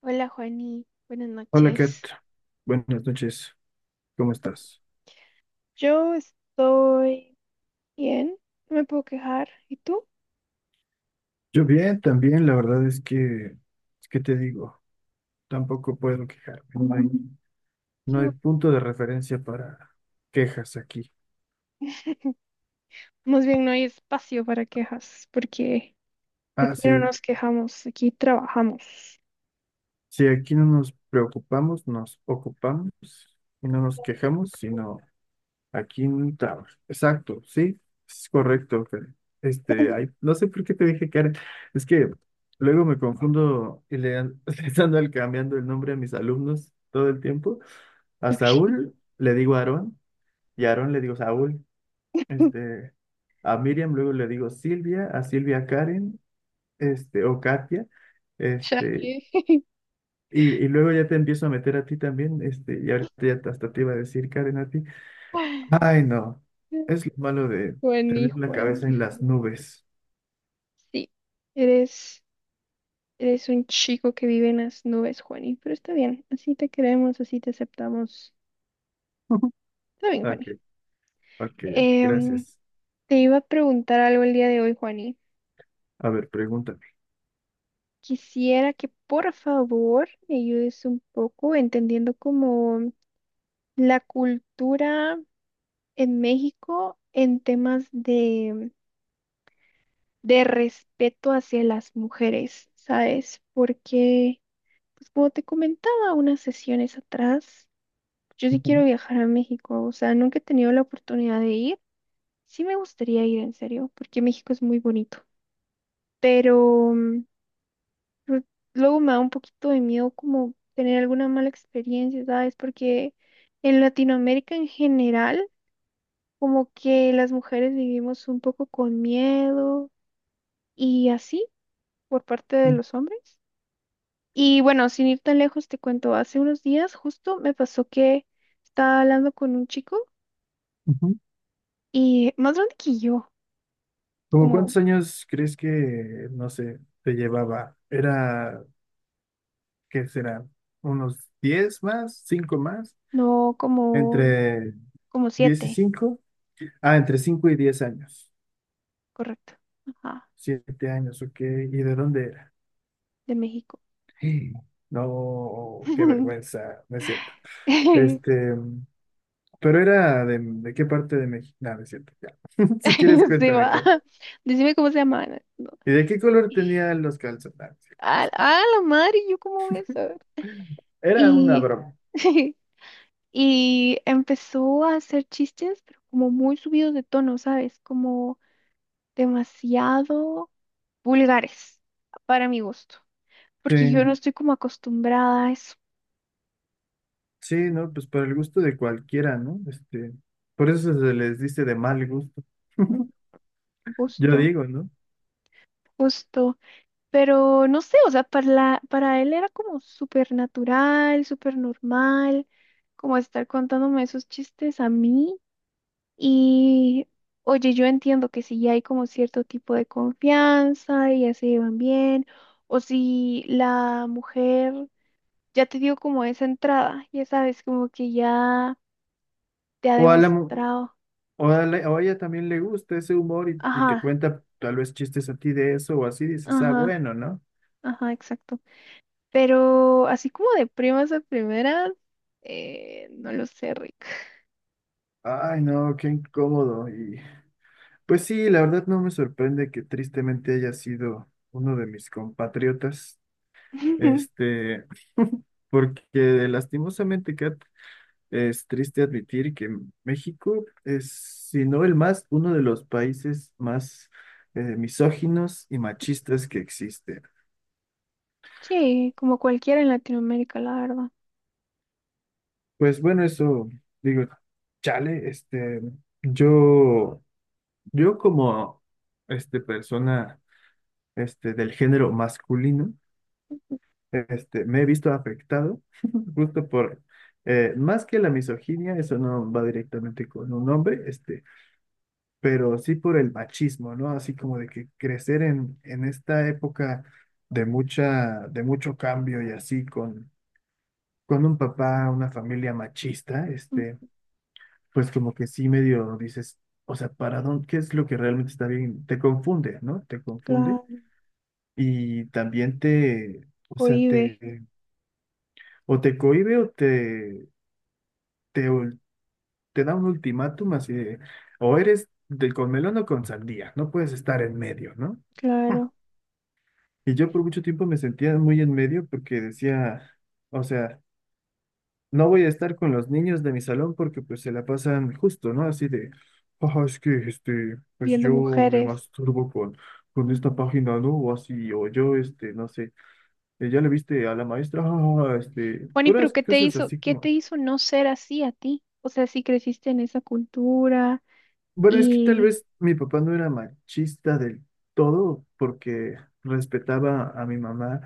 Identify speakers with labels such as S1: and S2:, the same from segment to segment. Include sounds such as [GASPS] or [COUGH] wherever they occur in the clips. S1: Hola Juani, buenas
S2: Hola Kat,
S1: noches.
S2: buenas noches, ¿cómo estás?
S1: Yo estoy bien, no me puedo quejar. ¿Y tú?
S2: Yo bien, también, la verdad es que, ¿qué te digo, tampoco puedo quejarme, no hay,
S1: Qué
S2: no hay
S1: bu-
S2: punto de referencia para quejas aquí.
S1: Más bien no hay espacio para quejas, porque
S2: Ah,
S1: aquí no
S2: sí,
S1: nos quejamos, aquí trabajamos.
S2: si aquí no nos preocupamos, nos ocupamos y no nos quejamos, sino aquí en Tower. Exacto, sí, es correcto, Fer. Ay,
S1: [LAUGHS]
S2: no sé por qué te dije Karen. Es que luego me confundo y [LAUGHS] les ando cambiando el nombre a mis alumnos todo el tiempo. A Saúl le digo Aarón y a Aarón le digo Saúl. Este, a Miriam luego le digo Silvia, a Silvia Karen, o Katia.
S1: Chale.
S2: Este, y luego ya te empiezo a meter a ti también, y ahorita ya hasta te iba a decir Karen a ti. Ay,
S1: [LAUGHS]
S2: no. Es lo malo de
S1: Juani,
S2: tener la cabeza
S1: Juani,
S2: en las
S1: Juani.
S2: nubes.
S1: Sí, eres, eres un chico que vive en las nubes, Juani, pero está bien, así te queremos, así te aceptamos.
S2: Ujú.
S1: Está bien,
S2: Ok,
S1: Juani.
S2: ok, ok,
S1: Em,
S2: gracias.
S1: Te iba a preguntar algo el día de hoy, Juani.
S2: A ver, pregúntame.
S1: Quisiera que por favor me ayudes un poco entendiendo como la cultura en México en temas de respeto hacia las mujeres, ¿sabes? Porque, pues como te comentaba unas sesiones atrás, yo sí
S2: Ujú.
S1: quiero viajar a México, o sea, nunca he tenido la oportunidad de ir. Sí me gustaría ir en serio, porque México es muy bonito, pero Lu- Luego me da un poquito de miedo como tener alguna mala experiencia, ¿sabes? Porque en Latinoamérica en general, como que las mujeres vivimos un poco con miedo y así por parte de los hombres. Y bueno, sin ir tan lejos, te cuento, hace unos días justo me pasó que estaba hablando con un chico
S2: Ujú.
S1: y más grande que yo,
S2: ¿Cómo
S1: como,
S2: cuántos años crees que, no sé, te llevaba? ¿Era, qué será? ¿Unos 10 más? ¿5 más?
S1: no, como,
S2: ¿Entre
S1: como
S2: 10 y
S1: siete,
S2: 5? Ah, entre 5 y 10 años.
S1: correcto, ajá,
S2: 7 años, ok. ¿Y de dónde era?
S1: de México.
S2: [GASPS] No, qué
S1: [LAUGHS]
S2: vergüenza, no es cierto. Este, Pero era ¿de qué parte de México? No, no es cierto, ya. [LAUGHS] Si quieres,
S1: [LAUGHS] Se
S2: cuéntame,
S1: va.
S2: cara.
S1: Decime cómo se llama. Ana. No.
S2: ¿Y de qué color tenían los calzones? No, no es cierto,
S1: Ah, ah, la madre, ¿yo cómo voy a saber?
S2: era una
S1: Y,
S2: broma.
S1: [LAUGHS] y empezó a hacer chistes, pero como muy subidos de tono, ¿sabes? Como demasiado vulgares para mi gusto,
S2: Sí,
S1: porque yo no estoy como acostumbrada a eso.
S2: sí, no, pues para el gusto de cualquiera, ¿no? Por eso se les dice de mal gusto,
S1: Mm,
S2: yo
S1: justo,
S2: digo, ¿no?
S1: justo. Pero no sé, o sea, para él era como súper natural, súper normal, como estar contándome esos chistes a mí. Y oye, yo entiendo que si hay como cierto tipo de confianza y ya se llevan bien, o si la mujer ya te dio como esa entrada, ya sabes, como que ya te ha
S2: O a la, mu-
S1: demostrado.
S2: o a la- o a ella también le gusta ese humor y te
S1: Ajá,
S2: cuenta tal vez chistes a ti de eso o así, dices, ah,
S1: ajá,
S2: bueno, ¿no?
S1: ajá, exacto. Pero así como de primas a primeras, no lo sé, Rick.
S2: Ay, no, qué incómodo y pues sí, la verdad no me sorprende que tristemente haya sido uno de mis compatriotas,
S1: [LAUGHS]
S2: este, porque lastimosamente, Kat, es triste admitir que México es, si no el más, uno de los países más misóginos y machistas que existe.
S1: Sí, como cualquiera en Latinoamérica, la verdad.
S2: Pues bueno, eso digo, chale, yo, yo como, persona, del género masculino. Me he visto afectado [LAUGHS] justo más que la misoginia, eso no va directamente con un hombre, pero sí por el machismo, ¿no? Así como de que crecer en esta época de mucha, de mucho cambio y así con un papá, una familia machista,
S1: Mm,
S2: pues como que sí medio dices, o sea, ¿para dónde, qué es lo que realmente está bien? Te confunde, ¿no? Te confunde
S1: claro,
S2: y también te, o sea,
S1: cohibe,
S2: o te cohíbe o te, ul- te da un ultimátum así de, o eres del con melón o con sandía, no puedes estar en medio, ¿no?
S1: claro,
S2: Y yo por mucho tiempo me sentía muy en medio porque decía, o sea, no voy a estar con los niños de mi salón porque pues se la pasan justo, ¿no? Así de, es que pues
S1: viendo
S2: yo me
S1: mujeres.
S2: masturbo con esta
S1: Ujú.
S2: página, ¿no? O así, o yo, no sé, ya le viste a la maestra, [LAUGHS]
S1: Juani, pero
S2: puras cosas así
S1: qué te
S2: como.
S1: hizo no ser así a ti? O sea, si creciste en esa cultura
S2: Bueno, es que tal
S1: y,
S2: vez mi papá no era machista del todo porque respetaba a mi mamá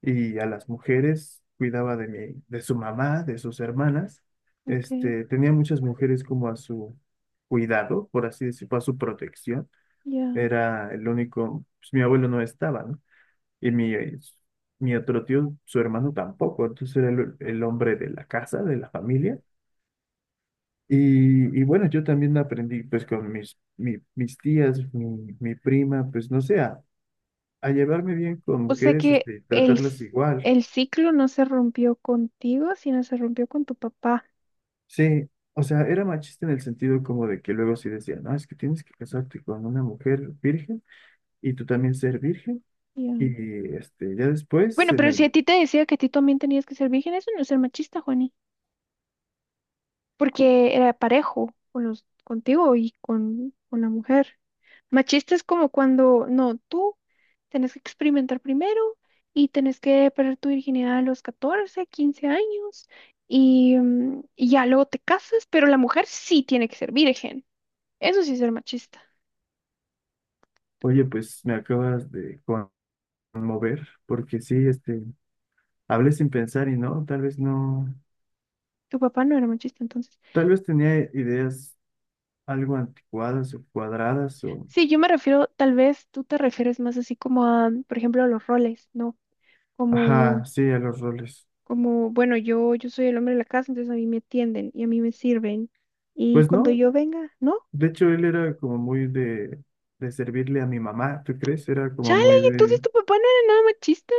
S2: y a las mujeres, cuidaba de mi, de su mamá, de sus hermanas.
S1: ok,
S2: Tenía muchas mujeres como a su cuidado, por así decirlo, a su protección.
S1: ya.
S2: Era el único, pues, mi abuelo no estaba, ¿no? Y mi otro tío, su hermano tampoco. Entonces era el hombre de la casa, de la familia y bueno, yo también aprendí pues con mis tías, mi prima, pues no sé, a llevarme bien con
S1: O sea
S2: mujeres,
S1: que el,
S2: tratarlas
S1: c-
S2: igual.
S1: el ciclo no se rompió contigo, sino se rompió con tu papá.
S2: Sí, o sea, era machista en el sentido como de que luego sí decían, no, es que tienes que casarte con una mujer virgen y tú también ser virgen.
S1: Ya.
S2: Y este, ya después
S1: Bueno,
S2: en
S1: pero si
S2: el,
S1: a ti te decía que a ti también tenías que ser virgen, eso no es ser machista, Juani, porque era parejo con los, contigo y con la mujer. Machista es como cuando, no, tú tenés que experimentar primero y tenés que perder tu virginidad a los 14, 15 años y ya luego te casas, pero la mujer sí tiene que ser virgen. Eso sí es ser machista.
S2: Oye, pues me acabas de conmover, porque sí, hablé sin pensar y no, tal vez no,
S1: Tu papá no era machista, entonces.
S2: tal vez tenía ideas algo anticuadas o cuadradas.
S1: Sí, yo me refiero, tal vez tú te refieres más así como a, por ejemplo, a los roles, ¿no?
S2: Ajá,
S1: Como
S2: sí, a los roles.
S1: Como, bueno, yo soy el hombre de la casa, entonces a mí me atienden y a mí me sirven. Y
S2: Pues
S1: cuando
S2: no,
S1: yo venga, ¿no?
S2: de hecho él era como muy de servirle a mi mamá, ¿tú crees? Era como
S1: Chale,
S2: muy
S1: ¿y entonces
S2: de...
S1: tu papá no era nada machista?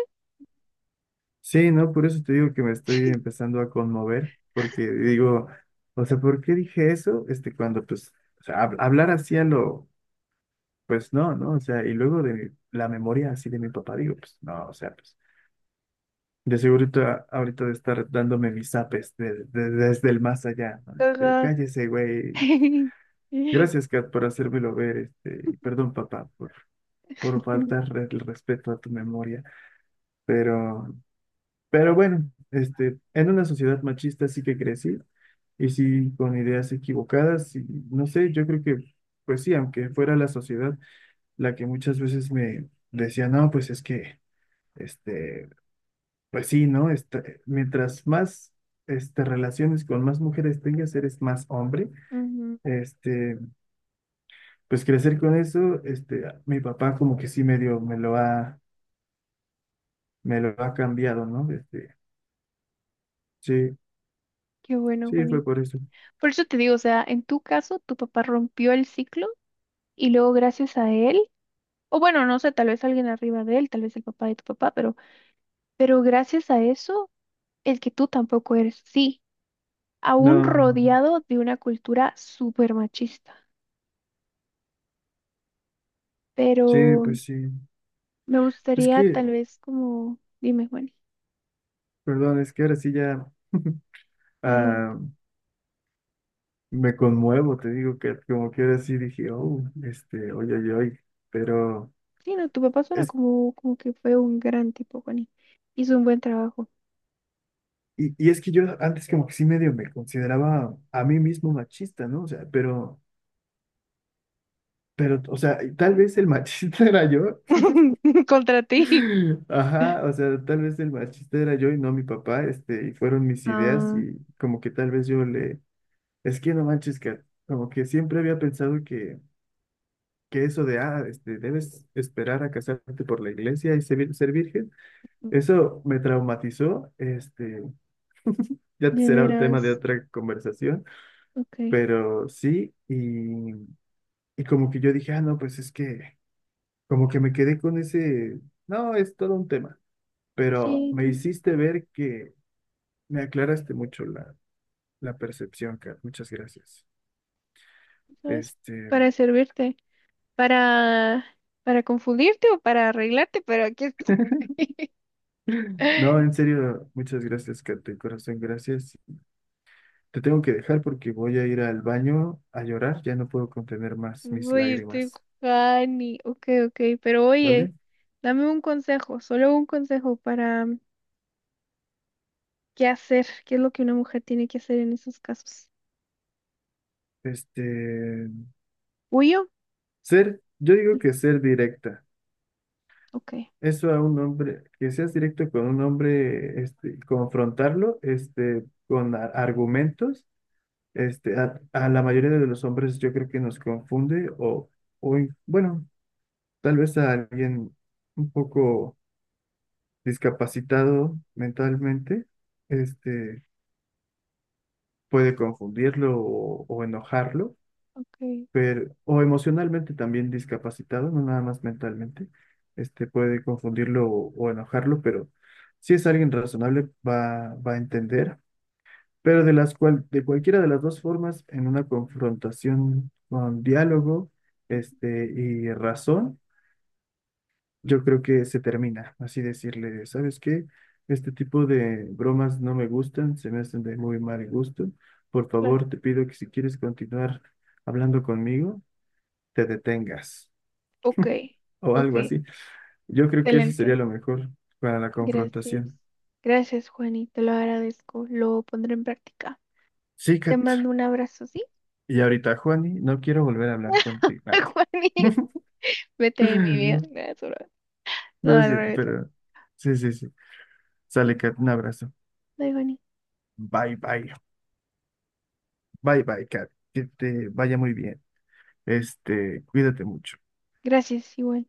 S2: Sí, no, por eso te digo que me estoy empezando a conmover, porque digo, o sea, ¿por qué dije eso? Cuando pues, o sea, hablar así pues no, ¿no? O sea, y luego la memoria así de mi papá, digo, pues no, o sea, pues de seguro ahorita ahorita de estar dándome mis zapes desde el más allá, ¿no?
S1: Ajá.
S2: Cállese, güey.
S1: [LAUGHS]
S2: Gracias, Kat, por hacérmelo ver, y perdón, papá, por, faltar el respeto a tu memoria, pero, pero bueno, en una sociedad machista sí que crecí, y sí con ideas equivocadas, y no sé, yo creo que, pues sí, aunque fuera la sociedad la que muchas veces me decía, no, pues es que, este, pues sí, ¿no? Mientras más, relaciones con más mujeres tengas, eres más hombre,
S1: Ujú,
S2: este... Pues crecer con eso, mi papá como que sí medio me lo ha cambiado, ¿no? Sí,
S1: qué bueno,
S2: sí, fue
S1: Juanín.
S2: por eso.
S1: Por eso te digo, o sea, en tu caso, tu papá rompió el ciclo y luego gracias a él, o bueno, no sé, tal vez alguien arriba de él, tal vez el papá de tu papá, pero gracias a eso, el que tú tampoco eres, sí, aún
S2: No,
S1: rodeado de una cultura súper machista. Pero
S2: sí, pues sí.
S1: me
S2: Es
S1: gustaría
S2: que,
S1: tal vez como, dime, Juani.
S2: perdón, es que ahora sí ya
S1: Dale, dale.
S2: ah, me conmuevo, te digo que como que ahora sí dije, oh, oye, oye, oye, pero
S1: Sí, no, tu papá suena
S2: es,
S1: como, como que fue un gran tipo, Juani. Hizo un buen trabajo.
S2: y es que yo antes como que sí medio me consideraba a mí mismo machista, ¿no? O sea, pero, o sea, y tal vez el machista [LAUGHS] era yo.
S1: [LAUGHS] Contra ti.
S2: [LAUGHS] Ajá, o sea, tal vez el machista era yo y no mi papá, y fueron mis ideas
S1: Ah,
S2: y como que tal vez es que no manches, que como que siempre había pensado que, eso de, debes esperar a casarte por la iglesia y ser virgen, eso me traumatizó, ya
S1: de
S2: será tema de
S1: veras.
S2: otra conversación,
S1: Ok.
S2: pero sí, y como que yo dije, ah, no, pues es que, como que me quedé con ese, no, es todo un tema, pero
S1: Sí,
S2: me
S1: ten-
S2: hiciste ver que. Me aclaraste mucho la percepción, Kat. Muchas gracias.
S1: ¿sabes?
S2: Este,
S1: Para servirte. Para, para confundirte o para arreglarte, pero aquí estoy.
S2: no, en
S1: [LAUGHS]
S2: serio, muchas gracias, Kat, de corazón, gracias. Te tengo que dejar porque voy a ir al baño a llorar. Ya no puedo contener más mis
S1: Uy, estoy
S2: lágrimas,
S1: Juani. Ok, ok. Pero oye,
S2: ¿vale?
S1: dame un consejo, solo un consejo para. ¿Qué hacer? ¿Qué es lo que una mujer tiene que hacer en esos casos?
S2: Este,
S1: ¿Huyo?
S2: yo digo
S1: Sí.
S2: que ser directa.
S1: Ok,
S2: Eso a un hombre, que seas directo con un hombre, confrontarlo, con argumentos, a la mayoría de los hombres yo creo que nos confunde bueno. Tal vez a alguien un poco discapacitado mentalmente, este, puede confundirlo o enojarlo,
S1: ok,
S2: pero, o emocionalmente también discapacitado, no nada más mentalmente, puede confundirlo o enojarlo, pero si es alguien razonable va a entender. Pero de cualquiera de las dos formas, en una confrontación con diálogo, y razón, yo creo que se termina, así decirle, ¿sabes qué? Este tipo de bromas no me gustan, se me hacen de muy mal gusto. Por
S1: claro.
S2: favor, te pido que si quieres continuar hablando conmigo, te detengas
S1: Ok,
S2: o algo
S1: ok.
S2: así. Yo creo que eso
S1: Excelente.
S2: sería lo mejor para la
S1: Gracias.
S2: confrontación.
S1: Gracias, Juani. Te lo agradezco. Lo pondré en práctica.
S2: Sí,
S1: Te
S2: Kat.
S1: mando un abrazo, ¿sí?
S2: Y ahorita, Juani, no quiero volver a hablar contigo.
S1: [LAUGHS] Juani. Vete de mi vida.
S2: [LAUGHS]
S1: Gracias, bro. No,
S2: No es
S1: al
S2: cierto,
S1: revés.
S2: pero sí, sí, sí.
S1: Sí.
S2: Sale, Kat, un abrazo.
S1: Bye, Juani.
S2: Bye, bye. Bye, bye, Kat. Que te vaya muy bien. Cuídate mucho.
S1: Gracias, igual.